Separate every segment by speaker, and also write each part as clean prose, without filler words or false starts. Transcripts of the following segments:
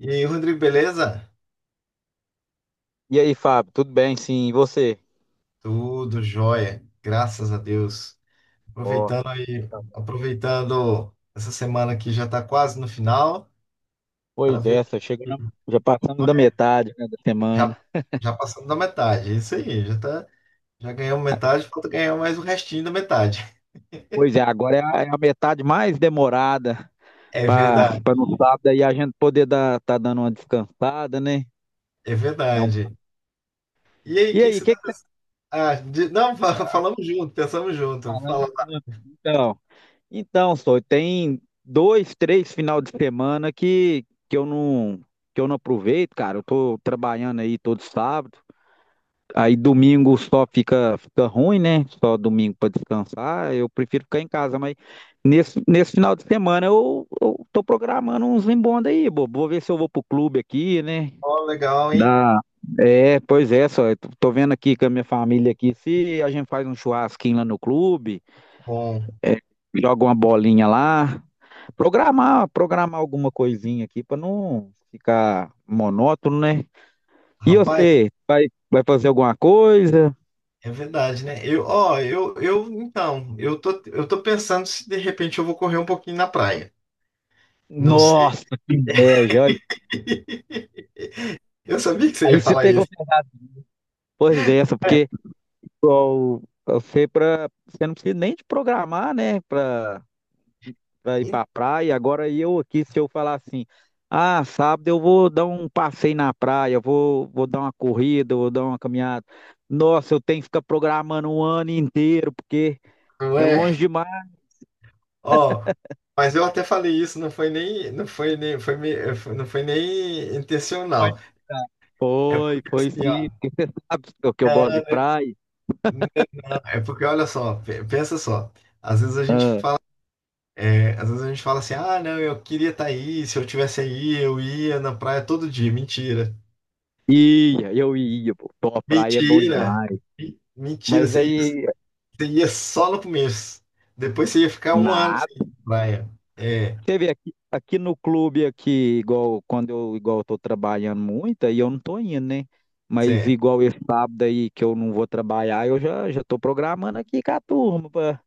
Speaker 1: E aí, Rodrigo, beleza?
Speaker 2: E aí, Fábio, tudo bem? Sim, e você?
Speaker 1: Tudo jóia, graças a Deus.
Speaker 2: Ó,
Speaker 1: Aproveitando aí,
Speaker 2: tá bom.
Speaker 1: aproveitando essa semana que já está quase no final, para
Speaker 2: Pois
Speaker 1: ver
Speaker 2: é, só
Speaker 1: o que
Speaker 2: chegando, já passamos da metade, né, da
Speaker 1: já,
Speaker 2: semana.
Speaker 1: já passamos da metade. É isso aí, já ganhamos metade, falta ganhar mais o restinho da metade.
Speaker 2: Pois é, agora é a metade mais demorada
Speaker 1: É
Speaker 2: para
Speaker 1: verdade,
Speaker 2: para no sábado aí a gente poder dar tá dando uma descansada, né?
Speaker 1: é
Speaker 2: Dar um...
Speaker 1: verdade. E aí, o
Speaker 2: E
Speaker 1: que que
Speaker 2: aí, o
Speaker 1: você tá.
Speaker 2: que que você
Speaker 1: Ah, não,
Speaker 2: tá
Speaker 1: falamos junto, pensamos junto.
Speaker 2: falando?
Speaker 1: Fala,
Speaker 2: Então, então, só tem dois, três final de semana que eu não que eu não aproveito, cara. Eu tô trabalhando aí todo sábado. Aí domingo só fica, fica ruim, né? Só domingo para descansar. Eu prefiro ficar em casa, mas nesse final de semana eu tô programando uns embonda aí, bobo. Vou ver se eu vou pro clube aqui, né?
Speaker 1: ó, legal, hein?
Speaker 2: Dá. É, pois é, só. Eu tô vendo aqui com a minha família aqui se a gente faz um churrasquinho lá no clube,
Speaker 1: Bom,
Speaker 2: é, joga uma bolinha lá. Programar alguma coisinha aqui para não ficar monótono, né? E
Speaker 1: rapaz.
Speaker 2: você, vai fazer alguma coisa?
Speaker 1: É verdade, né? Eu, ó, eu, então, eu tô pensando se de repente eu vou correr um pouquinho na praia. Não sei.
Speaker 2: Nossa, que inveja. Olha,
Speaker 1: Eu sabia que você
Speaker 2: aí
Speaker 1: ia
Speaker 2: você
Speaker 1: falar isso.
Speaker 2: pegou pesado. Pois é, essa,
Speaker 1: É.
Speaker 2: porque igual, você, pra, você não precisa nem de programar, né, pra, pra ir pra praia. Agora eu aqui, se eu falar assim, ah, sábado eu vou dar um passeio na praia, eu vou dar uma corrida, eu vou dar uma caminhada. Nossa, eu tenho que ficar programando um ano inteiro, porque
Speaker 1: Então,
Speaker 2: é
Speaker 1: é.
Speaker 2: longe demais.
Speaker 1: Ó, mas eu até falei isso, não foi nem, não foi nem, foi, me- foi- não foi nem
Speaker 2: Pode
Speaker 1: intencional.
Speaker 2: ficar.
Speaker 1: É
Speaker 2: Foi,
Speaker 1: porque
Speaker 2: foi
Speaker 1: assim,
Speaker 2: sim. Sabe o que eu gosto de
Speaker 1: é,
Speaker 2: praia?
Speaker 1: não, é porque olha só, pensa só. Às vezes a gente fala, às vezes a gente fala assim, ah, não, eu queria estar aí, se eu tivesse aí, eu ia na praia todo dia. Mentira.
Speaker 2: Ia, eu ia, pô. Pô, a praia é bom
Speaker 1: Mentira!
Speaker 2: demais.
Speaker 1: Mentira,
Speaker 2: Mas aí.
Speaker 1: você ia só no começo. Depois você ia ficar um ano sem
Speaker 2: Nada.
Speaker 1: ir pra praia. É,
Speaker 2: Você vê aqui, aqui no clube aqui, igual eu tô trabalhando muito, aí eu não tô indo, né? Mas
Speaker 1: cê-
Speaker 2: igual esse sábado aí que eu não vou trabalhar, eu já tô programando aqui com a turma pra,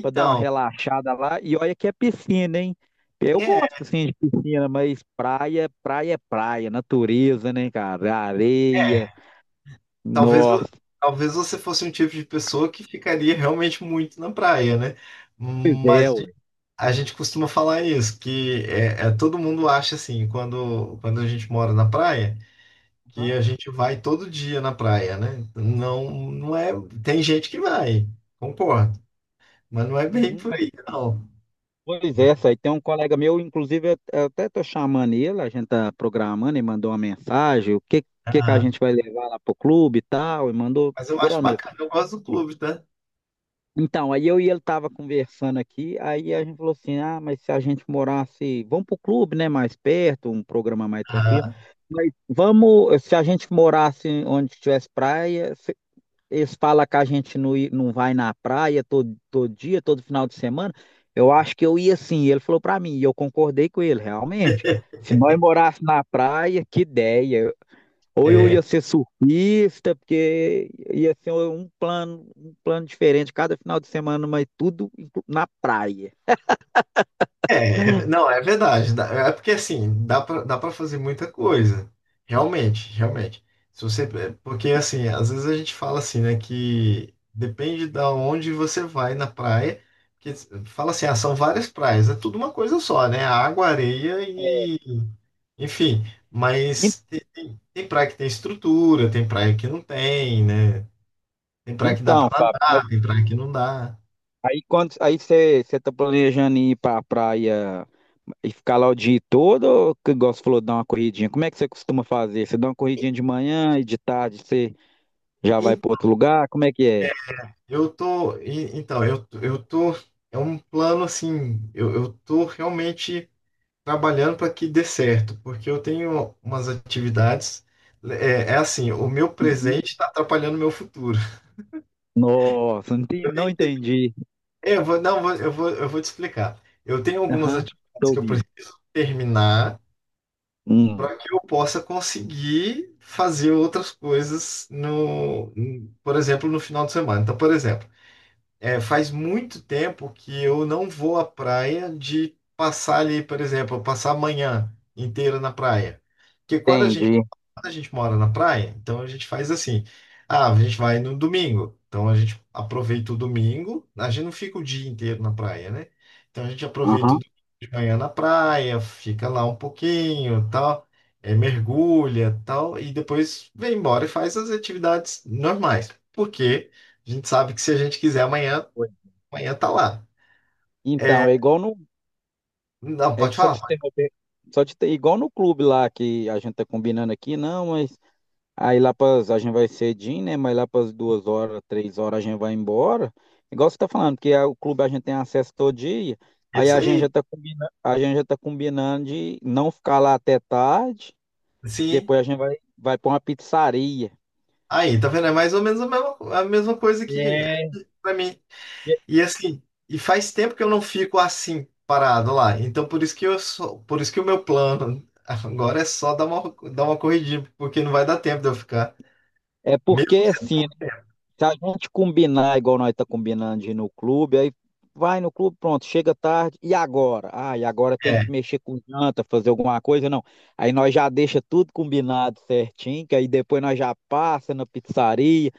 Speaker 2: pra dar uma relaxada lá. E olha que é piscina, hein? Eu
Speaker 1: é,
Speaker 2: gosto assim de piscina, mas praia é praia, natureza, né, cara? Areia.
Speaker 1: é. Talvez,
Speaker 2: Nossa,
Speaker 1: talvez você fosse um tipo de pessoa que ficaria realmente muito na praia, né?
Speaker 2: pois é,
Speaker 1: Mas
Speaker 2: ué.
Speaker 1: a gente costuma falar isso, que todo mundo acha assim, quando a gente mora na praia, que
Speaker 2: Aham,
Speaker 1: a gente vai todo dia na praia, né? Não, não é, tem gente que vai, concordo, mas não é bem
Speaker 2: uhum.
Speaker 1: por aí, não.
Speaker 2: Pois é, aí tem um colega meu, inclusive eu até tô chamando ele, a gente tá programando, ele mandou uma mensagem, o que que a
Speaker 1: Aham.
Speaker 2: gente vai levar lá pro clube e tal, e mandou
Speaker 1: Mas eu acho
Speaker 2: segurar mesmo.
Speaker 1: bacana, eu gosto do clube, tá?
Speaker 2: Então, aí eu e ele tava conversando aqui, aí a gente falou assim, ah, mas se a gente morasse, vamos pro clube, né, mais perto, um programa mais tranquilo,
Speaker 1: Aham.
Speaker 2: mas vamos, se a gente morasse onde tivesse praia, eles falam que a gente não, i- não vai na praia todo, todo dia, todo final de semana. Eu acho que eu ia sim. Ele falou pra mim, e eu concordei com ele, realmente. Se nós morássemos na praia, que ideia. Ou eu
Speaker 1: É,
Speaker 2: ia ser surfista, porque ia ser um plano diferente cada final de semana, mas tudo inclu- na praia.
Speaker 1: não, é verdade. É porque assim, dá pra fazer muita coisa. Realmente, realmente. Se você, é, Porque assim, às vezes a gente fala assim, né, que depende da onde você vai na praia, que fala assim, ah, são várias praias, é tudo uma coisa só, né? Água, areia e, enfim,
Speaker 2: En-
Speaker 1: mas tem praia que tem estrutura, tem praia que não tem, né? Tem praia que dá pra
Speaker 2: Então, Fábio, mas
Speaker 1: nadar, tem praia que não dá.
Speaker 2: aí quando aí você está planejando ir para a praia e ficar lá o dia todo, ou, que igual você falou, dar uma corridinha? Como é que você costuma fazer? Você dá uma corridinha de manhã e de tarde você já vai
Speaker 1: E-
Speaker 2: para outro lugar? Como é que é?
Speaker 1: Eu tô, e- então, eu tô, É um plano assim, eu tô realmente trabalhando para que dê certo, porque eu tenho umas atividades, é assim, o meu
Speaker 2: Uhum.
Speaker 1: presente está atrapalhando o meu futuro.
Speaker 2: Nossa, não entendi.
Speaker 1: Eu vou, não, eu vou, eu vou, eu vou te explicar. Eu tenho algumas
Speaker 2: Aham, tô
Speaker 1: atividades que eu
Speaker 2: ouvindo.
Speaker 1: preciso terminar
Speaker 2: Hum,
Speaker 1: para que eu possa conseguir fazer outras coisas no, por exemplo, no final de semana. Então, por exemplo, é, faz muito tempo que eu não vou à praia de passar ali, por exemplo, passar a manhã inteira na praia. Porque
Speaker 2: entendi.
Speaker 1: quando a gente mora na praia, então a gente faz assim. Ah, a gente vai no domingo. Então a gente aproveita o domingo. A gente não fica o dia inteiro na praia, né? Então a gente aproveita o
Speaker 2: Aham.
Speaker 1: domingo de manhã na praia, fica lá um pouquinho, tal, mergulha, tal, e depois vem embora e faz as atividades normais. Porque a gente sabe que se a gente quiser amanhã,
Speaker 2: Foi.
Speaker 1: amanhã tá lá. É,
Speaker 2: Então, é igual no.
Speaker 1: não,
Speaker 2: É
Speaker 1: pode
Speaker 2: só
Speaker 1: falar.
Speaker 2: te
Speaker 1: Pode.
Speaker 2: interromper. Só te ter, igual no clube lá que a gente tá combinando aqui, não, mas aí lá pras, a gente vai cedinho, né? Mas lá para duas horas, três horas a gente vai embora. Igual você tá falando, porque a- o clube a gente tem acesso todo dia. Aí
Speaker 1: Isso
Speaker 2: a gente já
Speaker 1: aí.
Speaker 2: tá combinando, a gente já tá combinando de não ficar lá até tarde.
Speaker 1: Sim.
Speaker 2: Depois a gente vai para uma pizzaria.
Speaker 1: Aí, tá vendo? É mais ou menos a mesma coisa que é
Speaker 2: É,
Speaker 1: pra mim. E assim, e faz tempo que eu não fico assim, parado lá. Então, por isso que eu sou, por isso que o meu plano agora é só dar uma corridinha, porque não vai dar tempo de eu ficar.
Speaker 2: é
Speaker 1: Mesmo
Speaker 2: porque
Speaker 1: sendo
Speaker 2: assim,
Speaker 1: pouco tempo.
Speaker 2: se a gente combinar igual nós tá combinando de ir no clube, aí vai no clube, pronto, chega tarde, e agora? Ah, e agora tem que
Speaker 1: É,
Speaker 2: mexer com janta, fazer alguma coisa, não. Aí nós já deixa tudo combinado certinho, que aí depois nós já passa na pizzaria,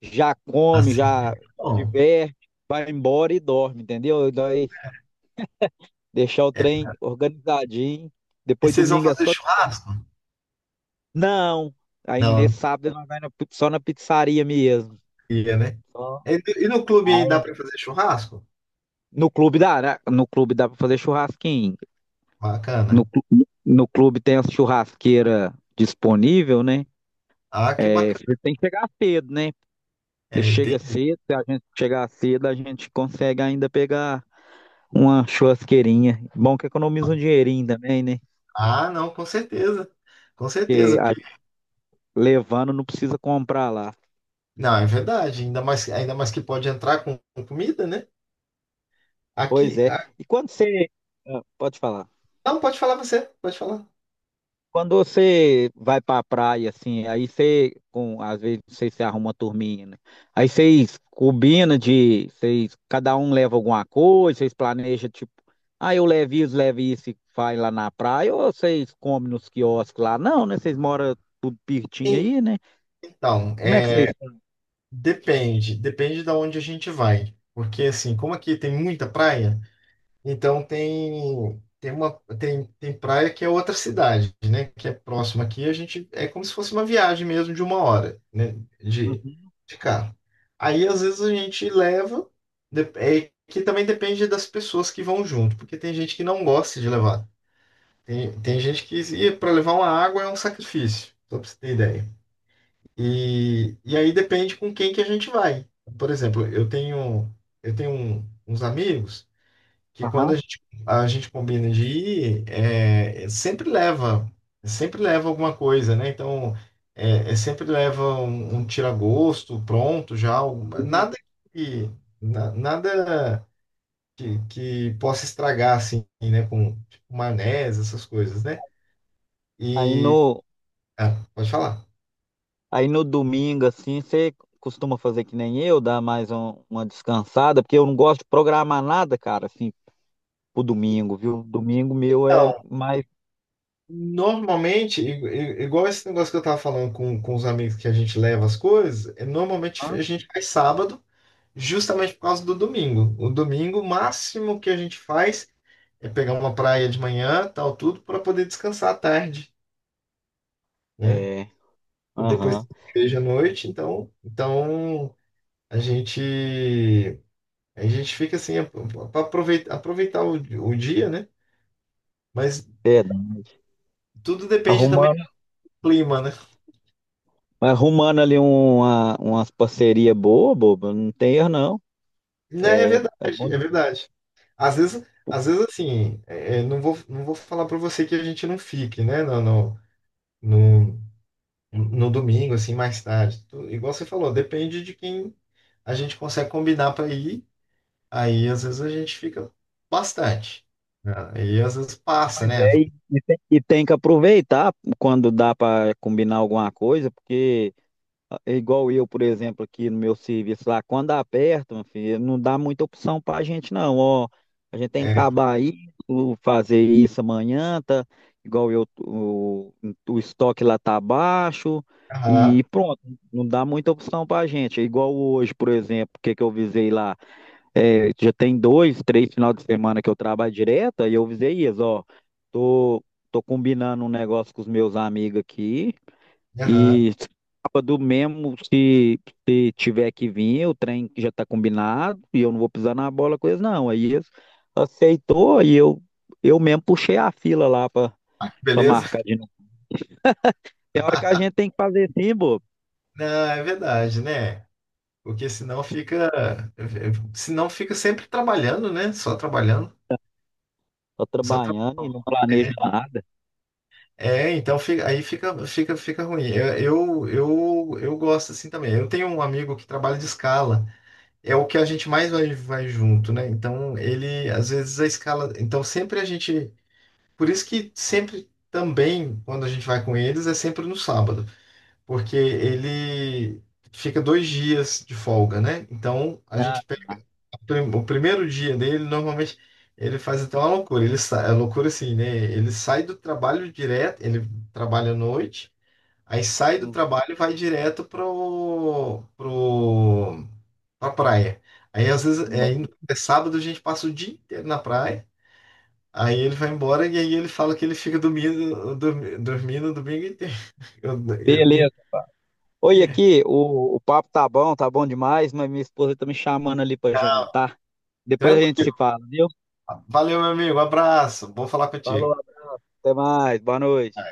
Speaker 2: já come,
Speaker 1: assim.
Speaker 2: já
Speaker 1: Bom,
Speaker 2: diverte, vai embora e dorme, entendeu? Nós deixar o
Speaker 1: é.
Speaker 2: trem organizadinho,
Speaker 1: E
Speaker 2: depois
Speaker 1: vocês vão
Speaker 2: domingo é
Speaker 1: fazer
Speaker 2: só...
Speaker 1: churrasco?
Speaker 2: Não! Aí
Speaker 1: Não,
Speaker 2: nesse
Speaker 1: não
Speaker 2: sábado nós vai na- pi- só na pizzaria mesmo.
Speaker 1: ia, né?
Speaker 2: Só.
Speaker 1: E no clube aí dá pra fazer churrasco?
Speaker 2: No clube dá, né? No clube dá para fazer churrasquinho. No,
Speaker 1: Bacana.
Speaker 2: clu- no clube tem a churrasqueira disponível, né?
Speaker 1: Ah, que
Speaker 2: É,
Speaker 1: bacana.
Speaker 2: você tem que chegar cedo, né? Você
Speaker 1: É,
Speaker 2: chega
Speaker 1: entendi.
Speaker 2: cedo, se a gente chegar cedo, a gente consegue ainda pegar uma churrasqueirinha. Bom que economiza um dinheirinho também, né?
Speaker 1: Ah, não, com certeza. Com
Speaker 2: Porque
Speaker 1: certeza.
Speaker 2: a gente levando não precisa comprar lá.
Speaker 1: Não, é verdade. Ainda mais que pode entrar com comida, né?
Speaker 2: Pois
Speaker 1: Aqui.
Speaker 2: é.
Speaker 1: a-
Speaker 2: E quando você. Ah, pode falar.
Speaker 1: Não, pode falar você, pode falar.
Speaker 2: Quando você vai para a praia, assim, aí você, com, às vezes, não se arruma uma turminha, né? Aí vocês combinam de, vocês, cada um leva alguma coisa, vocês planejam, tipo, ah, eu levo isso e vai lá na praia, ou vocês comem nos quiosques lá? Não, né? Vocês moram tudo pertinho
Speaker 1: Sim,
Speaker 2: aí, né?
Speaker 1: então,
Speaker 2: Como é que vocês...
Speaker 1: é, depende da onde a gente vai. Porque assim, como aqui tem muita praia, então tem praia que é outra cidade, né? Que é próxima aqui. A gente é como se fosse uma viagem mesmo de uma hora, né? De,
Speaker 2: Uhum.
Speaker 1: de carro. Aí às vezes a gente leva, é que também depende das pessoas que vão junto, porque tem gente que não gosta de levar. Tem gente que para levar uma água é um sacrifício, só para você ter ideia. E aí depende com quem que a gente vai. Por exemplo, eu tenho uns amigos que
Speaker 2: Aham.
Speaker 1: a gente combina de ir, é sempre leva alguma coisa, né? Então, é sempre leva um, um tira-gosto pronto já, nada que, nada que possa estragar, assim, né? Com tipo, maionese, essas coisas, né?
Speaker 2: Aí
Speaker 1: E,
Speaker 2: no,
Speaker 1: ah, pode falar.
Speaker 2: aí no domingo, assim, você costuma fazer que nem eu, dar mais um- uma descansada, porque eu não gosto de programar nada, cara, assim, o domingo, viu? Domingo meu é
Speaker 1: Então,
Speaker 2: mais.
Speaker 1: normalmente, igual esse negócio que eu tava falando com os amigos que a gente leva as coisas, é, normalmente
Speaker 2: Hã?
Speaker 1: a gente faz sábado, justamente por causa do domingo. O domingo, o máximo que a gente faz é pegar uma praia de manhã, tal, tudo, para poder descansar à tarde, né?
Speaker 2: É,
Speaker 1: E depois
Speaker 2: aham.
Speaker 1: tem igreja à noite, então, então a gente a gente fica assim para aproveitar, aproveitar o dia, né? Mas
Speaker 2: É,
Speaker 1: tudo depende também
Speaker 2: arrumando,
Speaker 1: do clima, né?
Speaker 2: arrumando ali uma, umas parcerias boas, boba, não tem erro não.
Speaker 1: Né, é
Speaker 2: É,
Speaker 1: verdade,
Speaker 2: é bom
Speaker 1: é verdade. Às vezes, às vezes assim, não vou, não vou falar para você que a gente não fique, né? Não, não, no domingo, assim, mais tarde. Igual você falou, depende de quem a gente consegue combinar para ir. Aí, às vezes, a gente fica bastante. Né? Aí, às vezes, passa,
Speaker 2: demais,
Speaker 1: né?
Speaker 2: e tem que aproveitar quando dá para combinar alguma coisa, porque ah, é igual eu, por exemplo, aqui no meu serviço lá, quando aperta, meu filho, não dá muita opção pra gente não, ó, a gente tem que
Speaker 1: É,
Speaker 2: acabar isso, fazer isso amanhã, tá? Igual eu, o estoque lá tá baixo
Speaker 1: aham,
Speaker 2: e pronto, não dá muita opção pra gente. É igual hoje, por exemplo, o que que eu visei lá, é, já tem dois, três final de semana que eu trabalho direto, aí eu visei isso, ó, tô, tô combinando um negócio com os meus amigos aqui,
Speaker 1: aham,
Speaker 2: e sábado mesmo, se tiver que vir, o trem já tá combinado e eu não vou pisar na bola com eles, não. Aí eles aceitou e eu mesmo puxei a fila lá pra, pra
Speaker 1: beleza?
Speaker 2: marcar de novo. Tem hora que a gente tem que fazer assim, bobo.
Speaker 1: Não, é verdade, né? Porque senão fica, senão fica sempre trabalhando, né? Só trabalhando.
Speaker 2: Tô
Speaker 1: Só tra-
Speaker 2: trabalhando e não planeja nada.
Speaker 1: É, então fica ruim. Eu gosto assim também. Eu tenho um amigo que trabalha de escala. É o que a gente mais vai, vai junto, né? Então, ele, às vezes, a escala. Então, sempre a gente. Por isso que sempre também, quando a gente vai com eles, é sempre no sábado, porque ele fica dois dias de folga, né? Então, a
Speaker 2: Ah,
Speaker 1: gente pega
Speaker 2: ah,
Speaker 1: o primeiro dia dele, normalmente. Ele faz até uma loucura, ele sai, é loucura assim, né? Ele sai do trabalho direto, ele trabalha à noite, aí sai do
Speaker 2: uhum,
Speaker 1: trabalho e vai direto na praia. Aí às vezes
Speaker 2: não.
Speaker 1: é sábado, a gente passa o dia inteiro na praia. Aí ele vai embora e aí ele fala que ele fica dormindo o domingo inteiro. Eu- eu- e-
Speaker 2: Beleza. Oi, aqui, o papo tá bom demais, mas minha esposa tá me chamando ali pra
Speaker 1: tá
Speaker 2: jantar. Depois a gente se
Speaker 1: tranquilo.
Speaker 2: fala, viu?
Speaker 1: Valeu, meu amigo. Abraço. Bom falar
Speaker 2: Falou,
Speaker 1: contigo.
Speaker 2: até mais, boa noite.